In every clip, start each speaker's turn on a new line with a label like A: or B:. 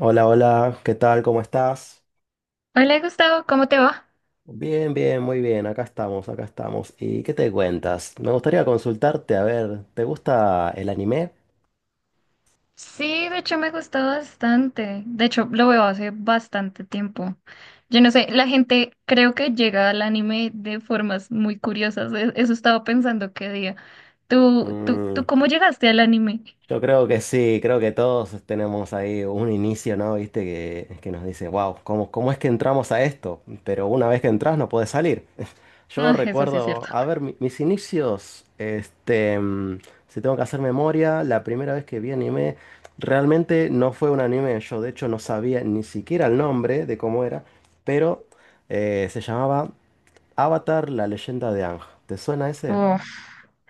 A: Hola, hola, ¿qué tal? ¿Cómo estás?
B: Hola Gustavo, ¿cómo te va?
A: Bien, bien, muy bien, acá estamos, acá estamos. ¿Y qué te cuentas? Me gustaría consultarte, a ver, ¿te gusta el anime?
B: Sí, de hecho me gustó bastante. De hecho, lo veo hace bastante tiempo. Yo no sé, la gente creo que llega al anime de formas muy curiosas. Eso estaba pensando qué día. ¿Tú
A: Mm,
B: cómo llegaste al anime?
A: yo creo que sí, creo que todos tenemos ahí un inicio, ¿no? Viste que nos dice, wow, ¿cómo es que entramos a esto? Pero una vez que entras no puedes salir.
B: No,
A: Yo
B: eso sí es cierto.
A: recuerdo, a ver, mis inicios, este, si tengo que hacer memoria, la primera vez que vi anime, realmente no fue un anime, yo de hecho no sabía ni siquiera el nombre de cómo era, pero se llamaba Avatar, la leyenda de Aang. ¿Te suena ese?
B: Uf.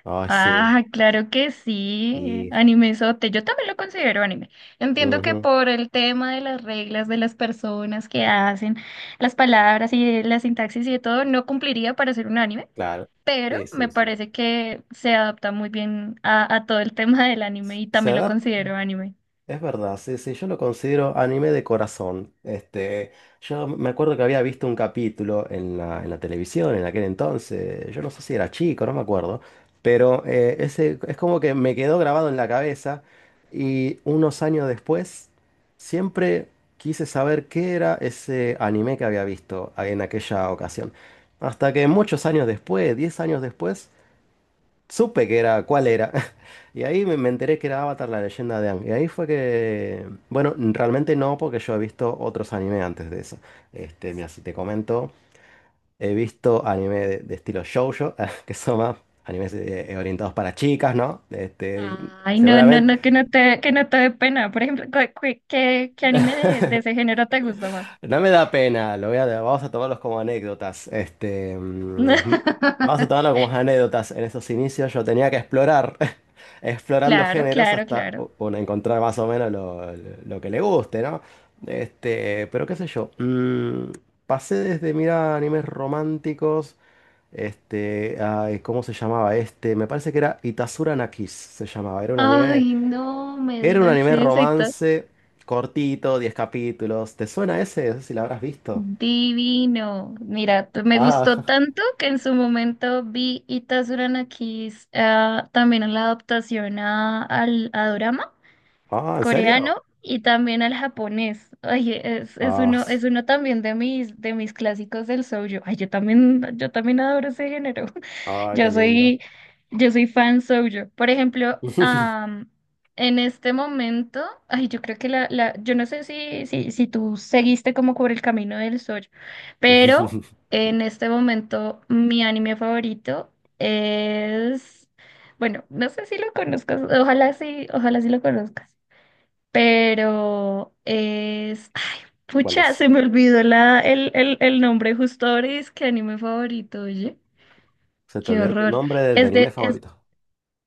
A: Ay, sí.
B: Ah, claro que sí,
A: Y,
B: animezote. Yo también lo considero anime. Entiendo que
A: ujú,
B: por el tema de las reglas de las personas que hacen, las palabras y de la sintaxis y de todo, no cumpliría para ser un anime,
A: claro.
B: pero
A: Sí,
B: me
A: sí, sí.
B: parece que se adapta muy bien a todo el tema del anime y
A: Se
B: también lo
A: adap
B: considero anime.
A: Es verdad, sí, sí, yo lo considero anime de corazón. Este, yo me acuerdo que había visto un capítulo en la televisión en aquel entonces, yo no sé si era chico, no me acuerdo, pero ese es como que me quedó grabado en la cabeza y unos años después siempre quise saber qué era ese anime que había visto en aquella ocasión. Hasta que muchos años después, 10 años después, supe que era, cuál era. Y ahí me enteré que era Avatar, la leyenda de Aang. Y ahí fue que, bueno, realmente no, porque yo he visto otros anime antes de eso. Este, mira, si te comento, he visto anime de estilo shoujo, que son más animes orientados para chicas, ¿no? Este,
B: Ay, no, no,
A: seguramente.
B: no, que no te dé pena. Por ejemplo, ¿qué anime de ese género te gusta más?
A: No me da pena, vamos a tomarlos como anécdotas. Este, vamos a tomarlo como anécdotas. En esos inicios yo tenía que explorar, explorando
B: Claro,
A: géneros
B: claro,
A: hasta
B: claro.
A: uno encontrar más o menos lo que le guste, ¿no? Este, pero qué sé yo. Pasé desde mirar animes románticos. Este, ay, ¿cómo se llamaba este? Me parece que era Itasura na Kiss, se llamaba. Era un anime.
B: Ay, no me
A: Era un
B: digas
A: anime
B: eso y todo.
A: romance cortito, 10 capítulos. ¿Te suena ese? No sé si lo habrás visto.
B: Divino. Mira, me gustó
A: Ah,
B: tanto que en su momento vi Itazura no Kiss, ah, también en la adaptación a Dorama
A: ah, ¿en serio?
B: coreano y también al japonés. Oye,
A: Ah,
B: es uno también de mis clásicos del shoujo. Ay, yo también adoro ese género.
A: ah, qué
B: Yo
A: lindo.
B: soy, yo soy fan shoujo. Por ejemplo, en este momento, ay, yo creo que yo no sé si tú seguiste como por el camino del shoujo, pero en este momento mi anime favorito es, bueno, no sé si lo conozcas, ojalá sí lo conozcas, pero es, ay,
A: ¿Cuál
B: pucha,
A: es?
B: se me olvidó el nombre justo ahora y es que anime favorito, oye,
A: Se te
B: qué
A: olvidó tu
B: horror.
A: nombre de
B: Es
A: anime
B: de, es,
A: favorito.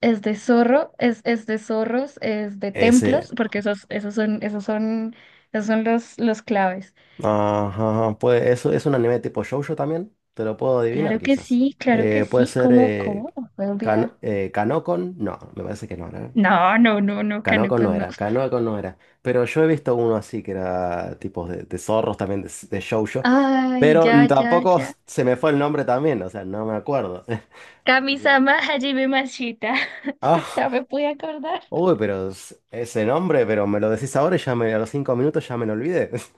B: es de zorro, es de zorros, es de
A: Ese.
B: templos, porque esos son esos son los claves.
A: Ajá, pues eso es un anime tipo shoujo también. Te lo puedo adivinar quizás.
B: Claro que
A: Puede
B: sí,
A: ser
B: ¿cómo me puedo olvidar?
A: Kanokon. No, me parece que no, ¿no?
B: No, no, no, no,
A: Canoco
B: Kaneko,
A: no
B: no.
A: era, Canoco no era. Pero yo he visto uno así que era tipos de zorros también, de shoujo.
B: Ay,
A: Pero
B: ya, ya,
A: tampoco
B: ya.
A: se me fue el nombre también, o sea, no me acuerdo. Digo,
B: Kamisama Hajime Mashita.
A: Ah,
B: Ya me pude acordar.
A: uy, pero ese nombre, pero me lo decís ahora y a los 5 minutos ya me lo olvidé.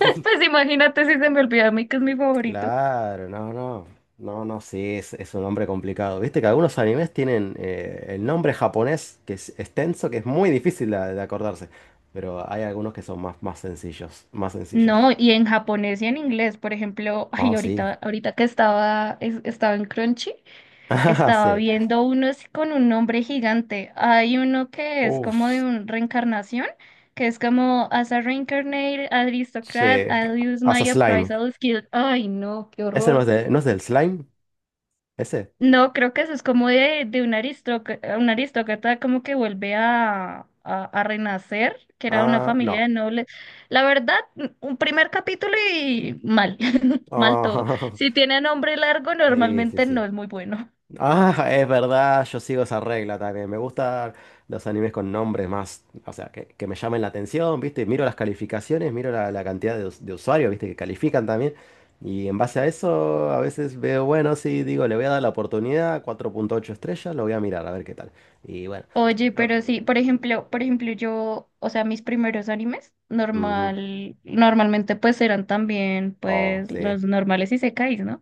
B: Pues imagínate si se me olvida a mí que es mi favorito.
A: Claro, no, no. No, no, sí, es un nombre complicado. Viste que algunos animes tienen el nombre japonés que es extenso, que es muy difícil de acordarse. Pero hay algunos que son más, más sencillos, más sencillos.
B: No, y en japonés y en inglés, por ejemplo,
A: Oh,
B: ay,
A: sí.
B: ahorita, estaba en Crunchy,
A: Ah,
B: estaba
A: sí.
B: viendo unos con un nombre gigante. Hay uno que es como de
A: Uf,
B: una reencarnación, que es como As a Reincarnate Aristocrat,
A: sí.
B: I'll use
A: Hasta
B: my
A: slime.
B: appraisal skill. Ay, no, qué
A: Ese no es
B: horror.
A: no es del slime. Ese.
B: No, creo que eso es como de un aristócrata como que vuelve a renacer, que era una
A: Ah,
B: familia
A: no.
B: de nobles. La verdad, un primer capítulo y mal, mal todo.
A: Ah,
B: Si tiene nombre largo,
A: sí, sí,
B: normalmente
A: sí.
B: no es muy bueno.
A: Ah, es verdad, yo sigo esa regla también. Me gustan los animes con nombres más, o sea, que me llamen la atención, ¿viste? Miro las calificaciones, miro la cantidad de usuarios, ¿viste? Que califican también. Y en base a eso, a veces veo, bueno, sí, digo, le voy a dar la oportunidad, 4.8 estrellas, lo voy a mirar, a ver qué tal. Y bueno.
B: Oye,
A: yo-
B: pero sí, por ejemplo, yo, o sea, mis primeros animes
A: Ujú.
B: normal, normalmente pues eran también
A: Oh,
B: pues
A: sí.
B: los normales y sekais, ¿no?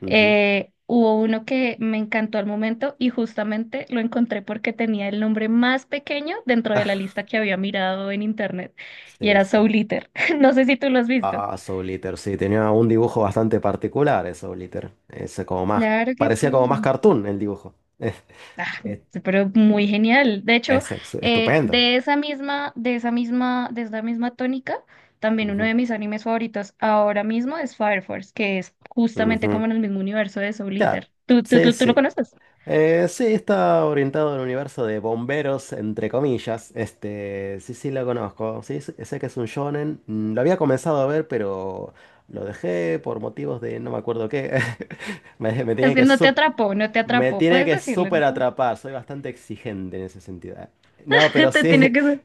A: Ujú.
B: Hubo uno que me encantó al momento y justamente lo encontré porque tenía el nombre más pequeño dentro de la lista que había mirado en internet y
A: Sí,
B: era
A: sí.
B: Soul Eater. No sé si tú lo has visto.
A: Ah, Soul Eater, sí, tenía un dibujo bastante particular, ese Soul Eater. Ese como más,
B: Claro que sí.
A: parecía como más cartoon el dibujo. Es,
B: Ah,
A: es-
B: pero muy genial. De hecho,
A: Estupendo.
B: de esa misma tónica, también uno
A: Ujú,
B: de mis animes favoritos ahora mismo es Fire Force, que es justamente
A: ujú.
B: como en el mismo universo de Soul
A: Ya,
B: Eater. ¿Tú, tú,
A: sí,
B: tú, tú lo
A: sí.
B: conoces?
A: Sí, está orientado al universo de bomberos, entre comillas. Este, sí, sí, lo conozco. Sí, sé que es un shonen. Lo había comenzado a ver, pero lo dejé por motivos de no me acuerdo qué. Me, me
B: Es
A: tienen
B: que
A: que
B: no te
A: sub
B: atrapó, no te
A: Me
B: atrapó.
A: tiene
B: Puedes
A: que
B: decirlo, ¿no?
A: súper atrapar, soy bastante exigente en ese sentido. No, pero
B: Te tiene
A: sí,
B: que ser.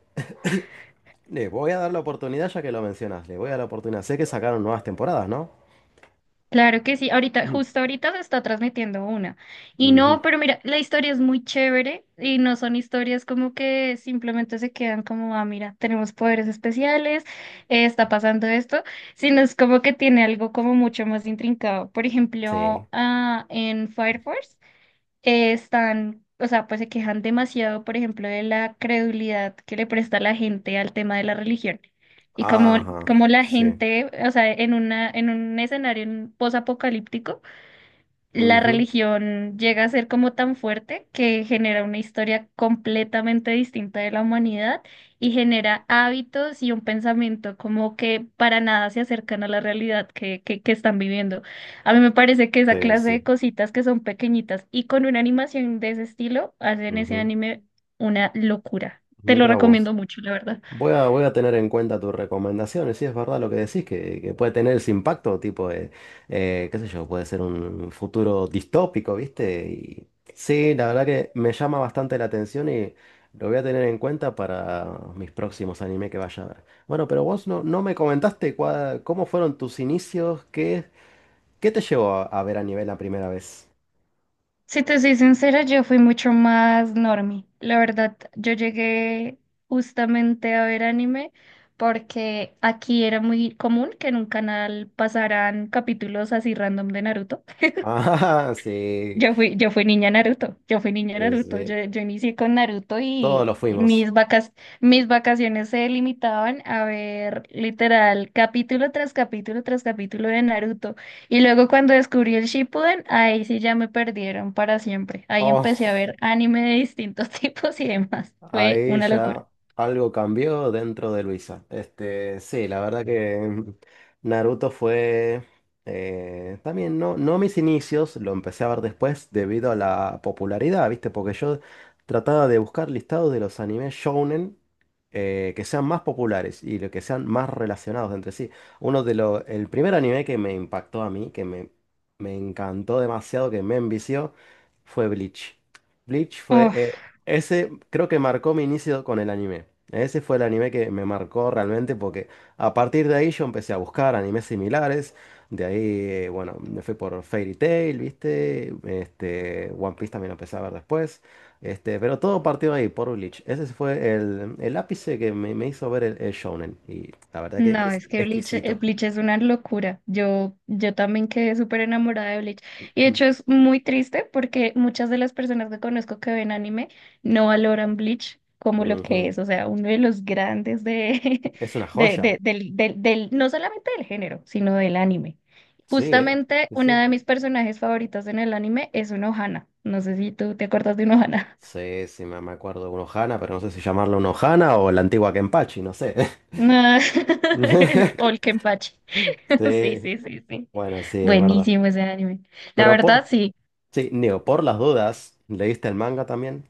A: le voy a dar la oportunidad ya que lo mencionas, le voy a dar la oportunidad. Sé que sacaron nuevas temporadas, ¿no?
B: Claro que sí, ahorita,
A: Mm.
B: justo ahorita se está transmitiendo una. Y
A: Ujú,
B: no, pero mira, la historia es muy chévere y no son historias como que simplemente se quedan como, ah, mira, tenemos poderes especiales, está pasando esto, sino es como que tiene algo como mucho más intrincado. Por
A: Sí.
B: ejemplo, ah, en Fire Force, están, o sea, pues se quejan demasiado, por ejemplo, de la credulidad que le presta la gente al tema de la religión. Y como,
A: Ajá,
B: como la
A: sí.
B: gente, o sea, en un escenario posapocalíptico, la
A: Ujú,
B: religión llega a ser como tan fuerte que genera una historia completamente distinta de la humanidad y genera hábitos y un pensamiento como que para nada se acercan a la realidad que están viviendo. A mí me parece que esa
A: Sí,
B: clase de
A: sí.
B: cositas que son pequeñitas y con una animación de ese estilo hacen ese
A: Ujú.
B: anime una locura. Te lo
A: Mira vos.
B: recomiendo mucho, la verdad.
A: Voy a tener en cuenta tus recomendaciones, si es verdad lo que decís, que puede tener ese impacto, tipo, qué sé yo, puede ser un futuro distópico, ¿viste? Y sí, la verdad que me llama bastante la atención y lo voy a tener en cuenta para mis próximos anime que vaya a ver. Bueno, pero vos no me comentaste cómo fueron tus inicios, qué te llevó a ver anime la primera vez.
B: Si te soy sincera, yo fui mucho más normie. La verdad, yo llegué justamente a ver anime porque aquí era muy común que en un canal pasaran capítulos así random de Naruto.
A: Ah, sí,
B: Yo fui niña Naruto, yo fui niña
A: sí,
B: Naruto,
A: sí,
B: yo inicié con Naruto
A: todos
B: y
A: lo fuimos.
B: mis vacaciones se limitaban a ver literal capítulo tras capítulo tras capítulo de Naruto. Y luego cuando descubrí el Shippuden, ahí sí ya me perdieron para siempre. Ahí
A: Oh,
B: empecé a ver anime de distintos tipos y demás. Fue
A: ahí
B: una locura.
A: ya algo cambió dentro de Luisa. Este, sí, la verdad que Naruto fue también no mis inicios, lo empecé a ver después debido a la popularidad, ¿viste? Porque yo trataba de buscar listados de los animes shounen que sean más populares y lo que sean más relacionados entre sí. El primer anime que me impactó a mí, que me encantó demasiado, que me envició, fue Bleach. Bleach fue,
B: Uf.
A: ese creo que marcó mi inicio con el anime. Ese fue el anime que me marcó realmente porque a partir de ahí yo empecé a buscar animes similares. De ahí, bueno, me fui por Fairy Tail, ¿viste? Este, One Piece también lo empecé a ver después. Este, pero todo partió ahí, por Bleach. Ese fue el ápice que me hizo ver el shounen. Y la verdad que
B: No,
A: es
B: es que Bleach,
A: exquisito.
B: Bleach es una locura. Yo también quedé súper enamorada de Bleach. Y de hecho es muy triste porque muchas de las personas que conozco que ven anime no valoran Bleach como lo que
A: Ujú.
B: es. O sea, uno de los grandes
A: Es una joya.
B: no solamente del género, sino del anime.
A: Sí, ¿eh?
B: Justamente
A: Sí,
B: una
A: sí.
B: de mis personajes favoritos en el anime es una Ohana. No sé si tú te acuerdas de una Ohana.
A: Sí, sí, me acuerdo de un Ohana, pero no sé si llamarlo un Ohana o la antigua Kenpachi, no sé.
B: No. O el Kenpachi. Sí,
A: Sí,
B: sí, sí, sí.
A: bueno, sí, es verdad.
B: Buenísimo ese anime. La
A: Pero
B: verdad, sí.
A: sí, Neo, por las dudas, ¿leíste el manga también?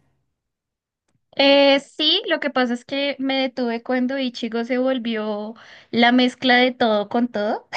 B: Sí, lo que pasa es que me detuve cuando Ichigo se volvió la mezcla de todo con todo.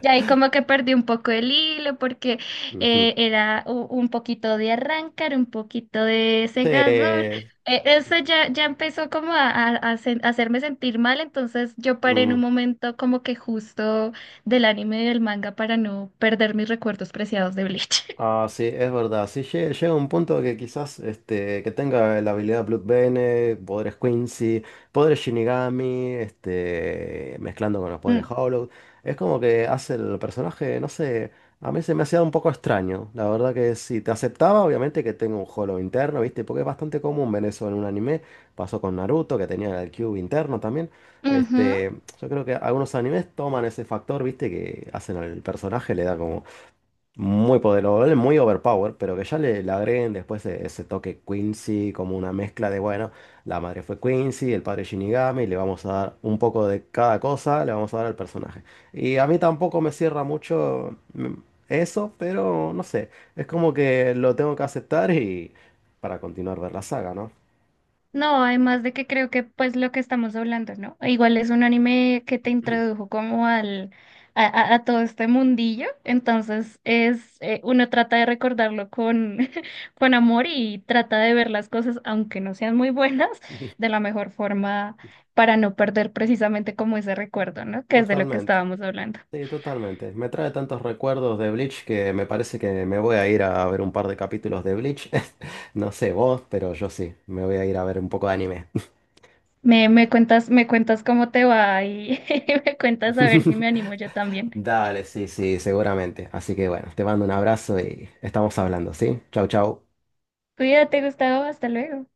B: Ya ahí como que perdí un poco el hilo porque
A: Ujú.
B: era un poquito de arrancar, un poquito de
A: Sí.
B: segador. Eso ya empezó como a hacerme sentir mal, entonces yo paré en un
A: Mm.
B: momento como que justo del anime y del manga para no perder mis recuerdos preciados de Bleach.
A: Ah, sí, es verdad. Sí, llega un punto que quizás este, que tenga la habilidad Blood Bene poderes Quincy, poderes Shinigami, este, mezclando con los poderes
B: Mm,
A: Hollow. Es como que hace el personaje, no sé, a mí se me hacía un poco extraño. La verdad que si te aceptaba, obviamente que tenga un Hollow interno, ¿viste? Porque es bastante común ver eso en un anime. Pasó con Naruto, que tenía el Cube interno también.
B: ujú.
A: Este, yo creo que algunos animes toman ese factor, ¿viste? Que hacen al personaje, le da como muy poderoso, muy overpower, pero que ya le agreguen después ese toque Quincy, como una mezcla de, bueno, la madre fue Quincy, el padre Shinigami, le vamos a dar un poco de cada cosa, le vamos a dar al personaje. Y a mí tampoco me cierra mucho eso, pero no sé, es como que lo tengo que aceptar y para continuar ver la saga, ¿no?
B: No, además de que creo que pues lo que estamos hablando, ¿no? Igual es un anime que te introdujo como a todo este mundillo, entonces es uno trata de recordarlo con con amor y trata de ver las cosas aunque no sean muy buenas de la mejor forma para no perder precisamente como ese recuerdo, ¿no? Que es de lo que
A: Totalmente.
B: estábamos hablando.
A: Sí, totalmente. Me trae tantos recuerdos de Bleach que me parece que me voy a ir a ver un par de capítulos de Bleach. No sé vos, pero yo sí, me voy a ir a ver un poco de anime.
B: Me cuentas cómo te va y me cuentas a ver si me animo yo también.
A: Dale, sí, sí, seguramente. Así que bueno, te mando un abrazo y estamos hablando, ¿sí? Chau, chau.
B: Cuídate, Gustavo, hasta luego.